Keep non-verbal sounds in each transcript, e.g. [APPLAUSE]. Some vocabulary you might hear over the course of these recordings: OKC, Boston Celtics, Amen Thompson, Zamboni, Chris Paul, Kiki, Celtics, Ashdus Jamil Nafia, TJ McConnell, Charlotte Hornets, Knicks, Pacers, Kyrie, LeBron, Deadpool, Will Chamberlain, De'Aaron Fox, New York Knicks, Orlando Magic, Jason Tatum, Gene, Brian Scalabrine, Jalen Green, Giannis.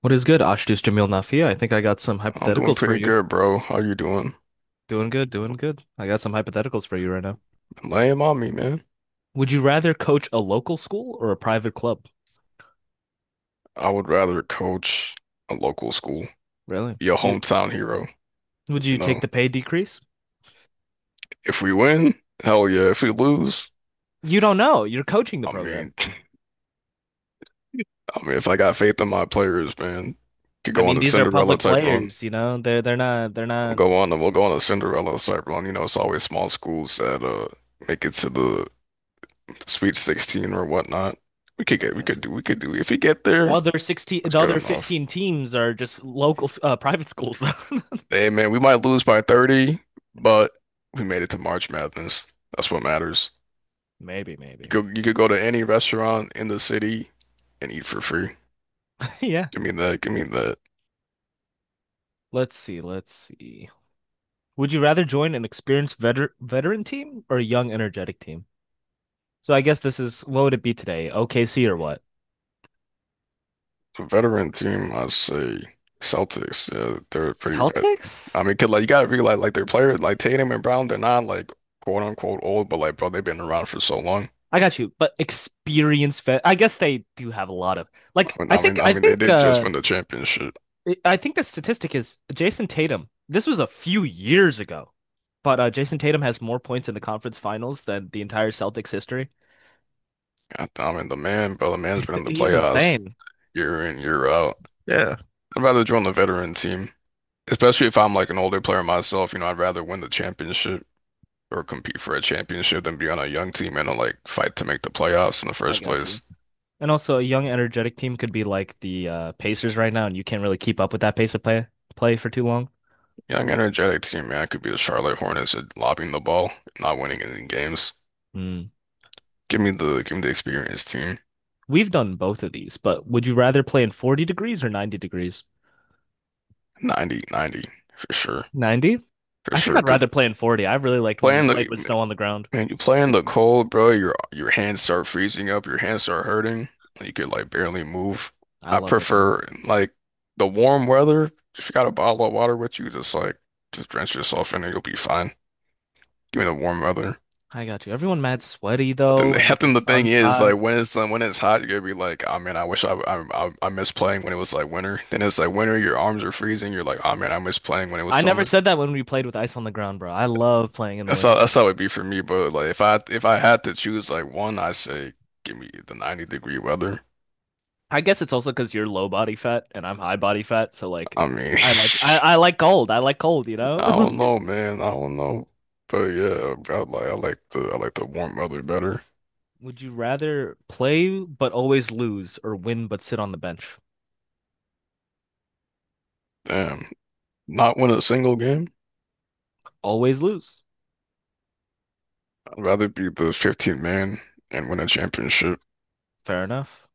What is good, Ashdus Jamil Nafia? I think I got some I'm doing hypotheticals for pretty you. good, bro. How you doing? Doing good, doing good. I got some hypotheticals for you right now. Lame on me, man. Would you rather coach a local school or a private club? I would rather coach a local school, Really? be a You hometown hero. would you You take know, the pay decrease? if we win, hell yeah. If we lose, You don't know. You're coaching the I program. mean, [LAUGHS] I mean, if I got faith in my players, man, could I go on mean, a these are Cinderella public type run. players, They're they're not they're We'll not go on, we'll go on a Cinderella type run. You know, it's always small schools that make it to the Sweet 16 or whatnot. We could get, we could the do, we could do. If we get there, other 16, that's the good other enough. 15 teams are just private schools though. [LAUGHS] Hey man, we might lose by 30, but we made it to March Madness. That's what matters. Maybe, You maybe. could you could go to any restaurant in the city and eat for free. [LAUGHS] Yeah. Give me that. Give me that. Let's see, let's see. Would you rather join an experienced veter veteran team or a young energetic team? So I guess this is what would it be today? OKC or what? The veteran team, I say Celtics. Yeah, they're pretty vet. Celtics? I mean, 'cause, like you gotta realize like their players like Tatum and Brown, they're not like quote unquote old, but like bro, they've been around for so long. I got you. But experience vet I guess they do have a lot of like I mean, I I think mean, I I mean, they think did just uh win the championship. I- think the statistic is Jason Tatum. This was a few years ago. But Jason Tatum has more points in the conference finals than the entire Celtics history. God, I mean, the man, bro, the man's been in [LAUGHS] the He's playoffs insane. year in, year out. Yeah. I'd rather join the veteran team, especially if I'm like an older player myself. You know, I'd rather win the championship or compete for a championship than be on a young team and like fight to make the playoffs in the I first got you. place. And also, a young, energetic team could be like the Pacers right now, and you can't really keep up with that pace of play for too long. Young, energetic team, man, I could be the Charlotte Hornets at lobbing the ball, not winning any games. Hmm. Give me the experienced team. We've done both of these, but would you rather play in 40 degrees or 90 degrees? 90, 90 for sure, 90? for I think sure. I'd Because rather play in 40. I really liked when we playing played the with snow on the ground. Man, you play in the cold, bro. Your hands start freezing up. Your hands start hurting. You could like barely move. I I loved it, man. prefer like the warm weather. If you got a bottle of water with you, just like just drench yourself in it. You'll be fine. Give me the warm weather. I got you. Everyone mad sweaty though, and [LAUGHS] I like the think the thing sun's is, hot. like, when it's hot, you're gonna be like, oh man, I wish I miss playing when it was like winter. Then it's like winter, your arms are freezing. You're like, oh man, I miss playing when it was I never summer. said that when we played with ice on the ground, bro. I love playing in the That's wind. how that's how it'd be for me. But like if I had to choose like one, I say give me the 90-degree weather. I guess it's also because you're low body fat and I'm high body fat, so like I mean, [LAUGHS] I like cold. I like cold, you I know? don't know, man. I don't know, but yeah, I like I like the warm weather better. [LAUGHS] Would you rather play but always lose or win but sit on the bench? Damn, not win a single game. Always lose. I'd rather be the 15th man and win a championship. Fair enough.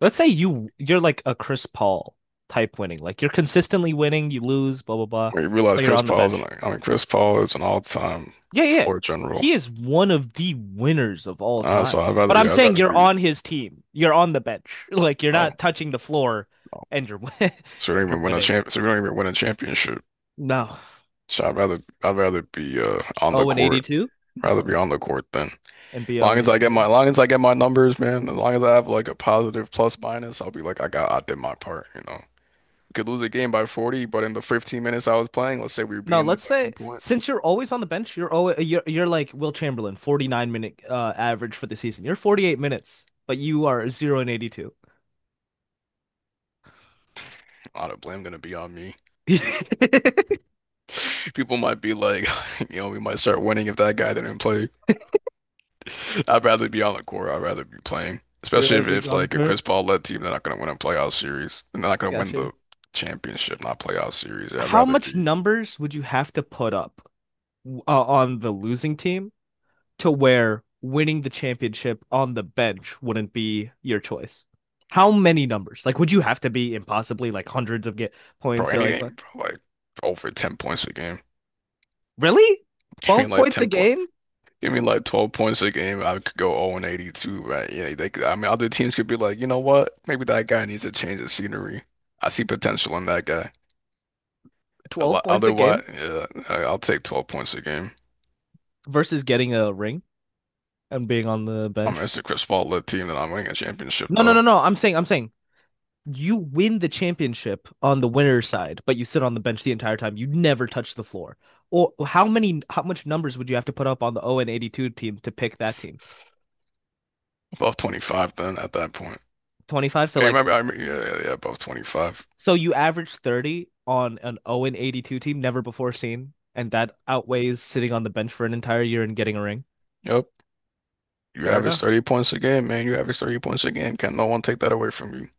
Let's say you're like a Chris Paul type winning. Like you're consistently winning, you lose, blah blah blah, When you realize but you're Chris on the Paul is an bench. Chris Paul is an all-time Yeah, yeah. floor general. He is one of the winners of all Uh, time. so I'd But rather, I'm yeah, I'd saying rather you're be, on his team. You're on the bench. [LAUGHS] Like you're oh not touching the floor no, and you're [LAUGHS] and you're winning. So we don't even win a championship. No. So I'd rather be on the Oh, and court, 82? rather be [LAUGHS] on the court than. And be oh, [LAUGHS] Long as I get my, 82. long as I get my numbers, man. As long as I have like a positive plus minus, I'll be like, I got, I did my part. You know, you could lose a game by 40, but in the 15 minutes I was playing, let's say we were No, beating them let's by one say point, since you're always on the bench, you're always you're like Will Chamberlain, 49 minute average for the season. You're 48 minutes, but you are 0-82. a lot of blame gonna be on me. [LAUGHS] You're [LAUGHS] People might be like, [LAUGHS] you know, we might start winning if that guy didn't play. [LAUGHS] I'd rather be on the court. I'd rather be playing, especially a if, big if on like a Chris Paul led team, they're not going to win a playoff series, and they're not I going to win gotcha. the championship, not playoff series. I'd How rather much be. numbers would you have to put up on the losing team to where winning the championship on the bench wouldn't be your choice? How many numbers? Like, would you have to be impossibly like hundreds of get Bro, points or like what? anything, bro, like over 10 points a game. Really? [LAUGHS] I mean, 12 like points a 10 point. game? Give me like 12 points a game. I could go 0-82, right? Yeah, they could, I mean, other teams could be like, you know what? Maybe that guy needs a change of scenery. I see potential in that guy. A 12 lot, points a otherwise, game yeah, I'll take 12 points a game. versus getting a ring and being on the I mean, bench? it's a Chris Paul led team that I'm winning a championship, No, no, though. no, no. I'm saying you win the championship on the winner's side, but you sit on the bench the entire time. You never touch the floor. Or how much numbers would you have to put up on the 0-82 team to pick that team? Above 25, then at that point. 25. So Okay, like, remember, I mean, yeah, yeah, yeah, above 25. so you average 30 on an 0-82 team, never before seen, and that outweighs sitting on the bench for an entire year and getting a ring. Yep. You Fair average enough. 30 points a game, man. You average 30 points a game. Can't no one take that away from you.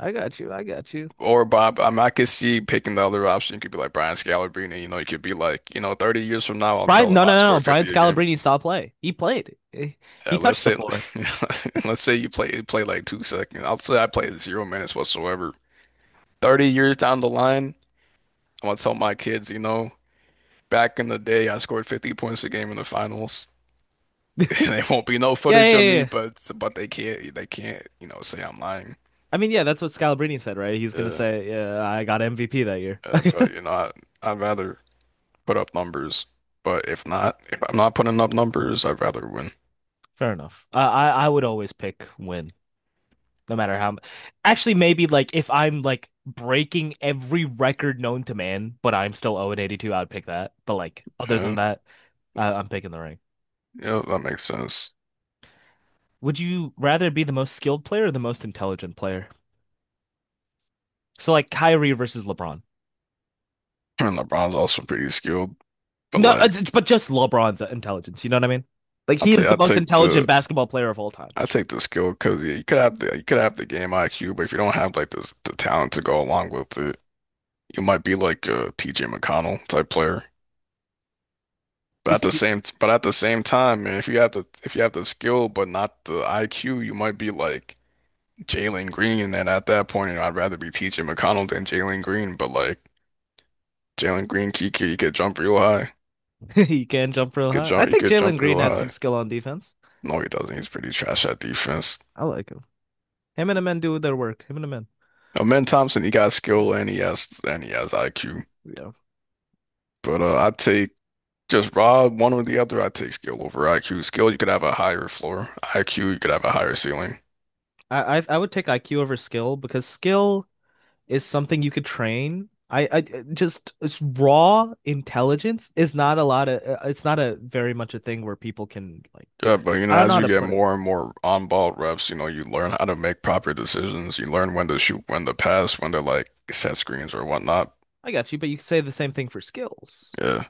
I got you. I got you. Or Bob, I mean, I could see picking the other option. You could be like Brian Scalabrine, you know, you could be like, you know, 30 years from now, I'll Brian, tell him no, no, I no, no. scored Brian 50 again. Scalabrine saw play. He played. Eh, he Let's touched the say, floor. [LAUGHS] let's say you play like 2 seconds. I'll say I played 0 minutes whatsoever. 30 years down the line, I'm gonna tell my kids, you know, back in the day, I scored 50 points a game in the finals. [LAUGHS] And there [LAUGHS] won't be no Yeah, footage yeah, of yeah, me, yeah. but they can't, you know, say I'm lying. I mean, yeah, that's what Scalabrine said, right? He's gonna Yeah, say, "Yeah, I got MVP that year." But [LAUGHS] you know, I'd rather put up numbers. But if not, if I'm not putting up numbers, I'd rather win. Fair enough. I would always pick win. No matter how, actually, maybe like if I'm like breaking every record known to man, but I'm still 0-82, I would pick that. But like other than Yeah, that, I'm picking the ring. yeah, that makes sense. [CLEARS THROAT] Would you rather be the most skilled player or the most intelligent player? So like Kyrie versus LeBron. And LeBron's also pretty skilled, but No, like but just LeBron's intelligence. You know what I mean? Like I he would is say, the I most take intelligent the basketball player of all time. I take the skill because yeah, you could have the game IQ, but if you don't have like the talent to go along with it, you might be like a TJ McConnell type player. But at Is the he? same but at the same time, man, if you have the skill but not the IQ, you might be like Jalen Green. And at that point, you know, I'd rather be TJ McConnell than Jalen Green. But like Jalen Green, Kiki, he could jump real high. [LAUGHS] He can jump real Could high. I jump, he think could Jalen jump Green real has some high. skill on defense. No, he doesn't. He's pretty trash at defense. I like him. Him and the men do their work. Him and the men. Amen Thompson, he got skill and he has IQ. Yeah. But I take just raw one or the other. I take skill over IQ. Skill, you could have a higher floor. IQ, you could have a higher ceiling. I would take IQ over skill because skill is something you could train. I just it's raw intelligence is not a lot of it's not a very much a thing where people can like do, Yeah, but you know, I don't know as how you to get put it. more and more on-ball reps, you know, you learn how to make proper decisions. You learn when to shoot, when to pass, when to like set screens or whatnot. I got you, but you could say the same thing for skills. Yeah.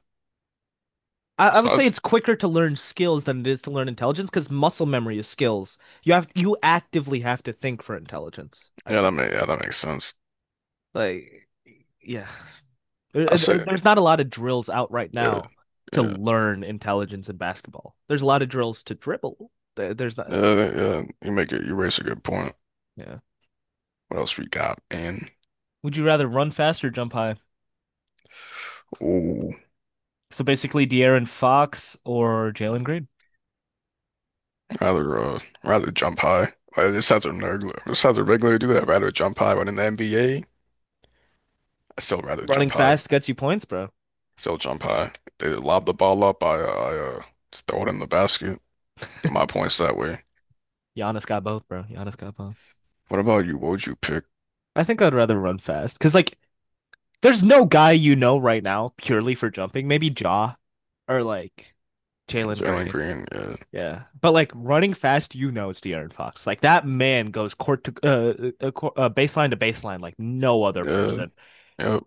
I So would say that's it's quicker to learn skills than it is to learn intelligence because muscle memory is skills. You have you actively have to think for intelligence. I yeah, feel that make yeah, that makes sense. like yeah. I say, There's not a lot of drills out right yeah, now to yeah. learn intelligence in basketball. There's a lot of drills to dribble. There's not, Yeah, you make it. You raise a good point. yeah. What else we got, man? Would you rather run fast or jump high? Ooh, So basically, De'Aaron Fox or Jalen Green. rather jump high. This sounds a regular. Do that. Rather jump high. But in the NBA, I still rather Running jump high. fast gets you points, bro. Still jump high. They lob the ball up. I just throw it in the basket. Get my points that way. Giannis got both, bro. Giannis got both. What about you? What would you pick? I think I'd rather run fast because, like, there's no guy you know right now purely for jumping. Maybe Jaw or like Jalen Jalen Green. Green. Yeah, Yeah, but like running fast, you know it's De'Aaron Fox. Like that man goes baseline to baseline like no other yeah, person. yeah.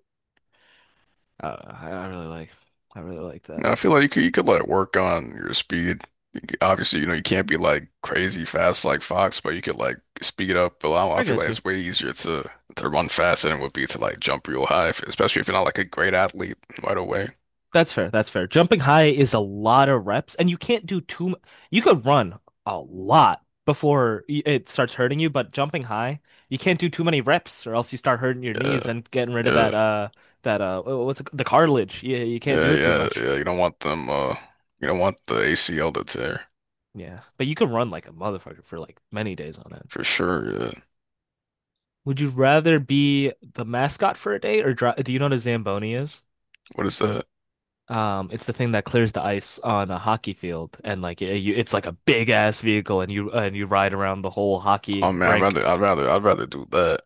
Uh, I I really like, I really like that. No, I feel like you could let it work on your speed. Obviously, you know, you can't be like crazy fast like Fox, but you could like speed up. But I I feel got like you. it's way easier to run fast than it would be to like jump real high, if, especially if you're not like a great athlete right away. That's fair. That's fair. Jumping high is a lot of reps, and you can't do You could run a lot before it starts hurting you, but jumping high, you can't do too many reps, or else you start hurting your Yeah, knees and getting rid of yeah, what's it, the cartilage. Yeah, you can't yeah, do it too yeah, much. yeah. You don't want them. You don't want the ACL to tear Yeah, but you can run like a motherfucker for like many days on end. for sure. Yeah. Would you rather be the mascot for a day or dri do you know what a Zamboni is? What is that? It's the thing that clears the ice on a hockey field and it's like a big ass vehicle and you ride around the whole Oh hockey man, I'd rink. rather, I'd rather, I'd rather do that.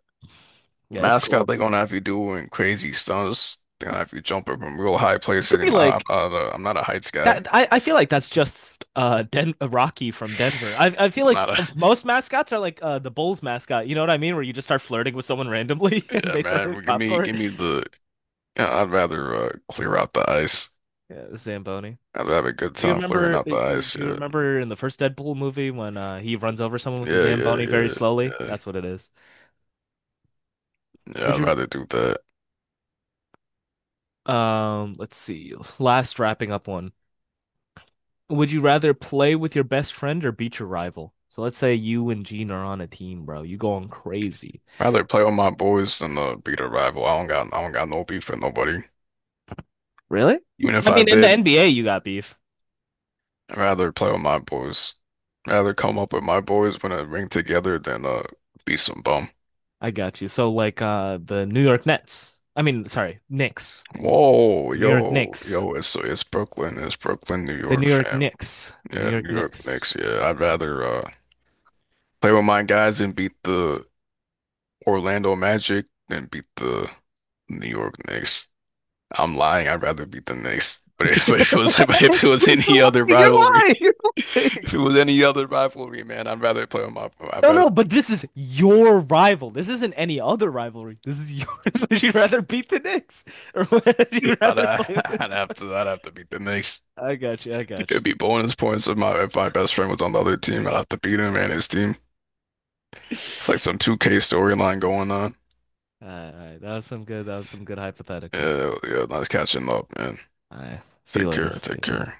Yeah, it's Mascot, cool. they're gonna have you doing crazy stunts. They're gonna have you jumping from real high You could places. You be know, I'm like not a, I'm not a heights guy. I'm that. I feel like that's just Den Rocky from Denver. I feel like not a, most mascots are like the Bulls mascot. You know what I mean? Where you just start flirting with someone randomly [LAUGHS] [LAUGHS] and yeah, they throw man. Popcorn. Give me the. Yeah, I'd rather clear out the ice. Yeah, the Zamboni. I'd have a good Do you time clearing remember? out the Or ice. Do you Yeah, remember in the first Deadpool movie when he runs over someone with his yeah, yeah, Zamboni very yeah, slowly? yeah. That's what it is. Yeah, Would I'd you? rather do that. Let's see. Last wrapping up one. Would you rather play with your best friend or beat your rival? So let's say you and Gene are on a team, bro. You going crazy. Rather play with my boys than beat a rival. I don't got no beef with nobody. Really? Even if I I mean, in the did, NBA, you got beef. I'd rather play with my boys. Rather come up with my boys when I ring together than be some bum. I got you. So like the New York Nets. I mean, sorry, Knicks. Knicks. Whoa, The New York yo, Knicks. yo, it's Brooklyn, New The New York, York fam. Knicks. The New Yeah, York New York Knicks. Knicks. Yeah, I'd rather play with my guys and beat the Orlando Magic than beat the New York Knicks. I'm lying, I'd rather beat the Knicks. But if, [LAUGHS] [LAUGHS] but if it was [LAUGHS] but if it was You're any other lying. You're rivalry, lying. [LAUGHS] You're [LAUGHS] lying. if it was any other rivalry, man, I'd rather play with my No, no, but this is your rival. This isn't any other rivalry. This is yours. [LAUGHS] Would you rather beat the Knicks, or [LAUGHS] would you I'd, rather uh, play [LAUGHS] with your I'd have boy? to I'd have to beat the Knicks. I got you. I got It'd you. be bonus points if my best friend was on the other team. I'd have to beat him and his team. It's like some 2K storyline going on. All right, all right. That was some good. That was some good hypothetical. Yeah, yeah, nice catching up, man. All right. See you Take later. care, See take you later. care.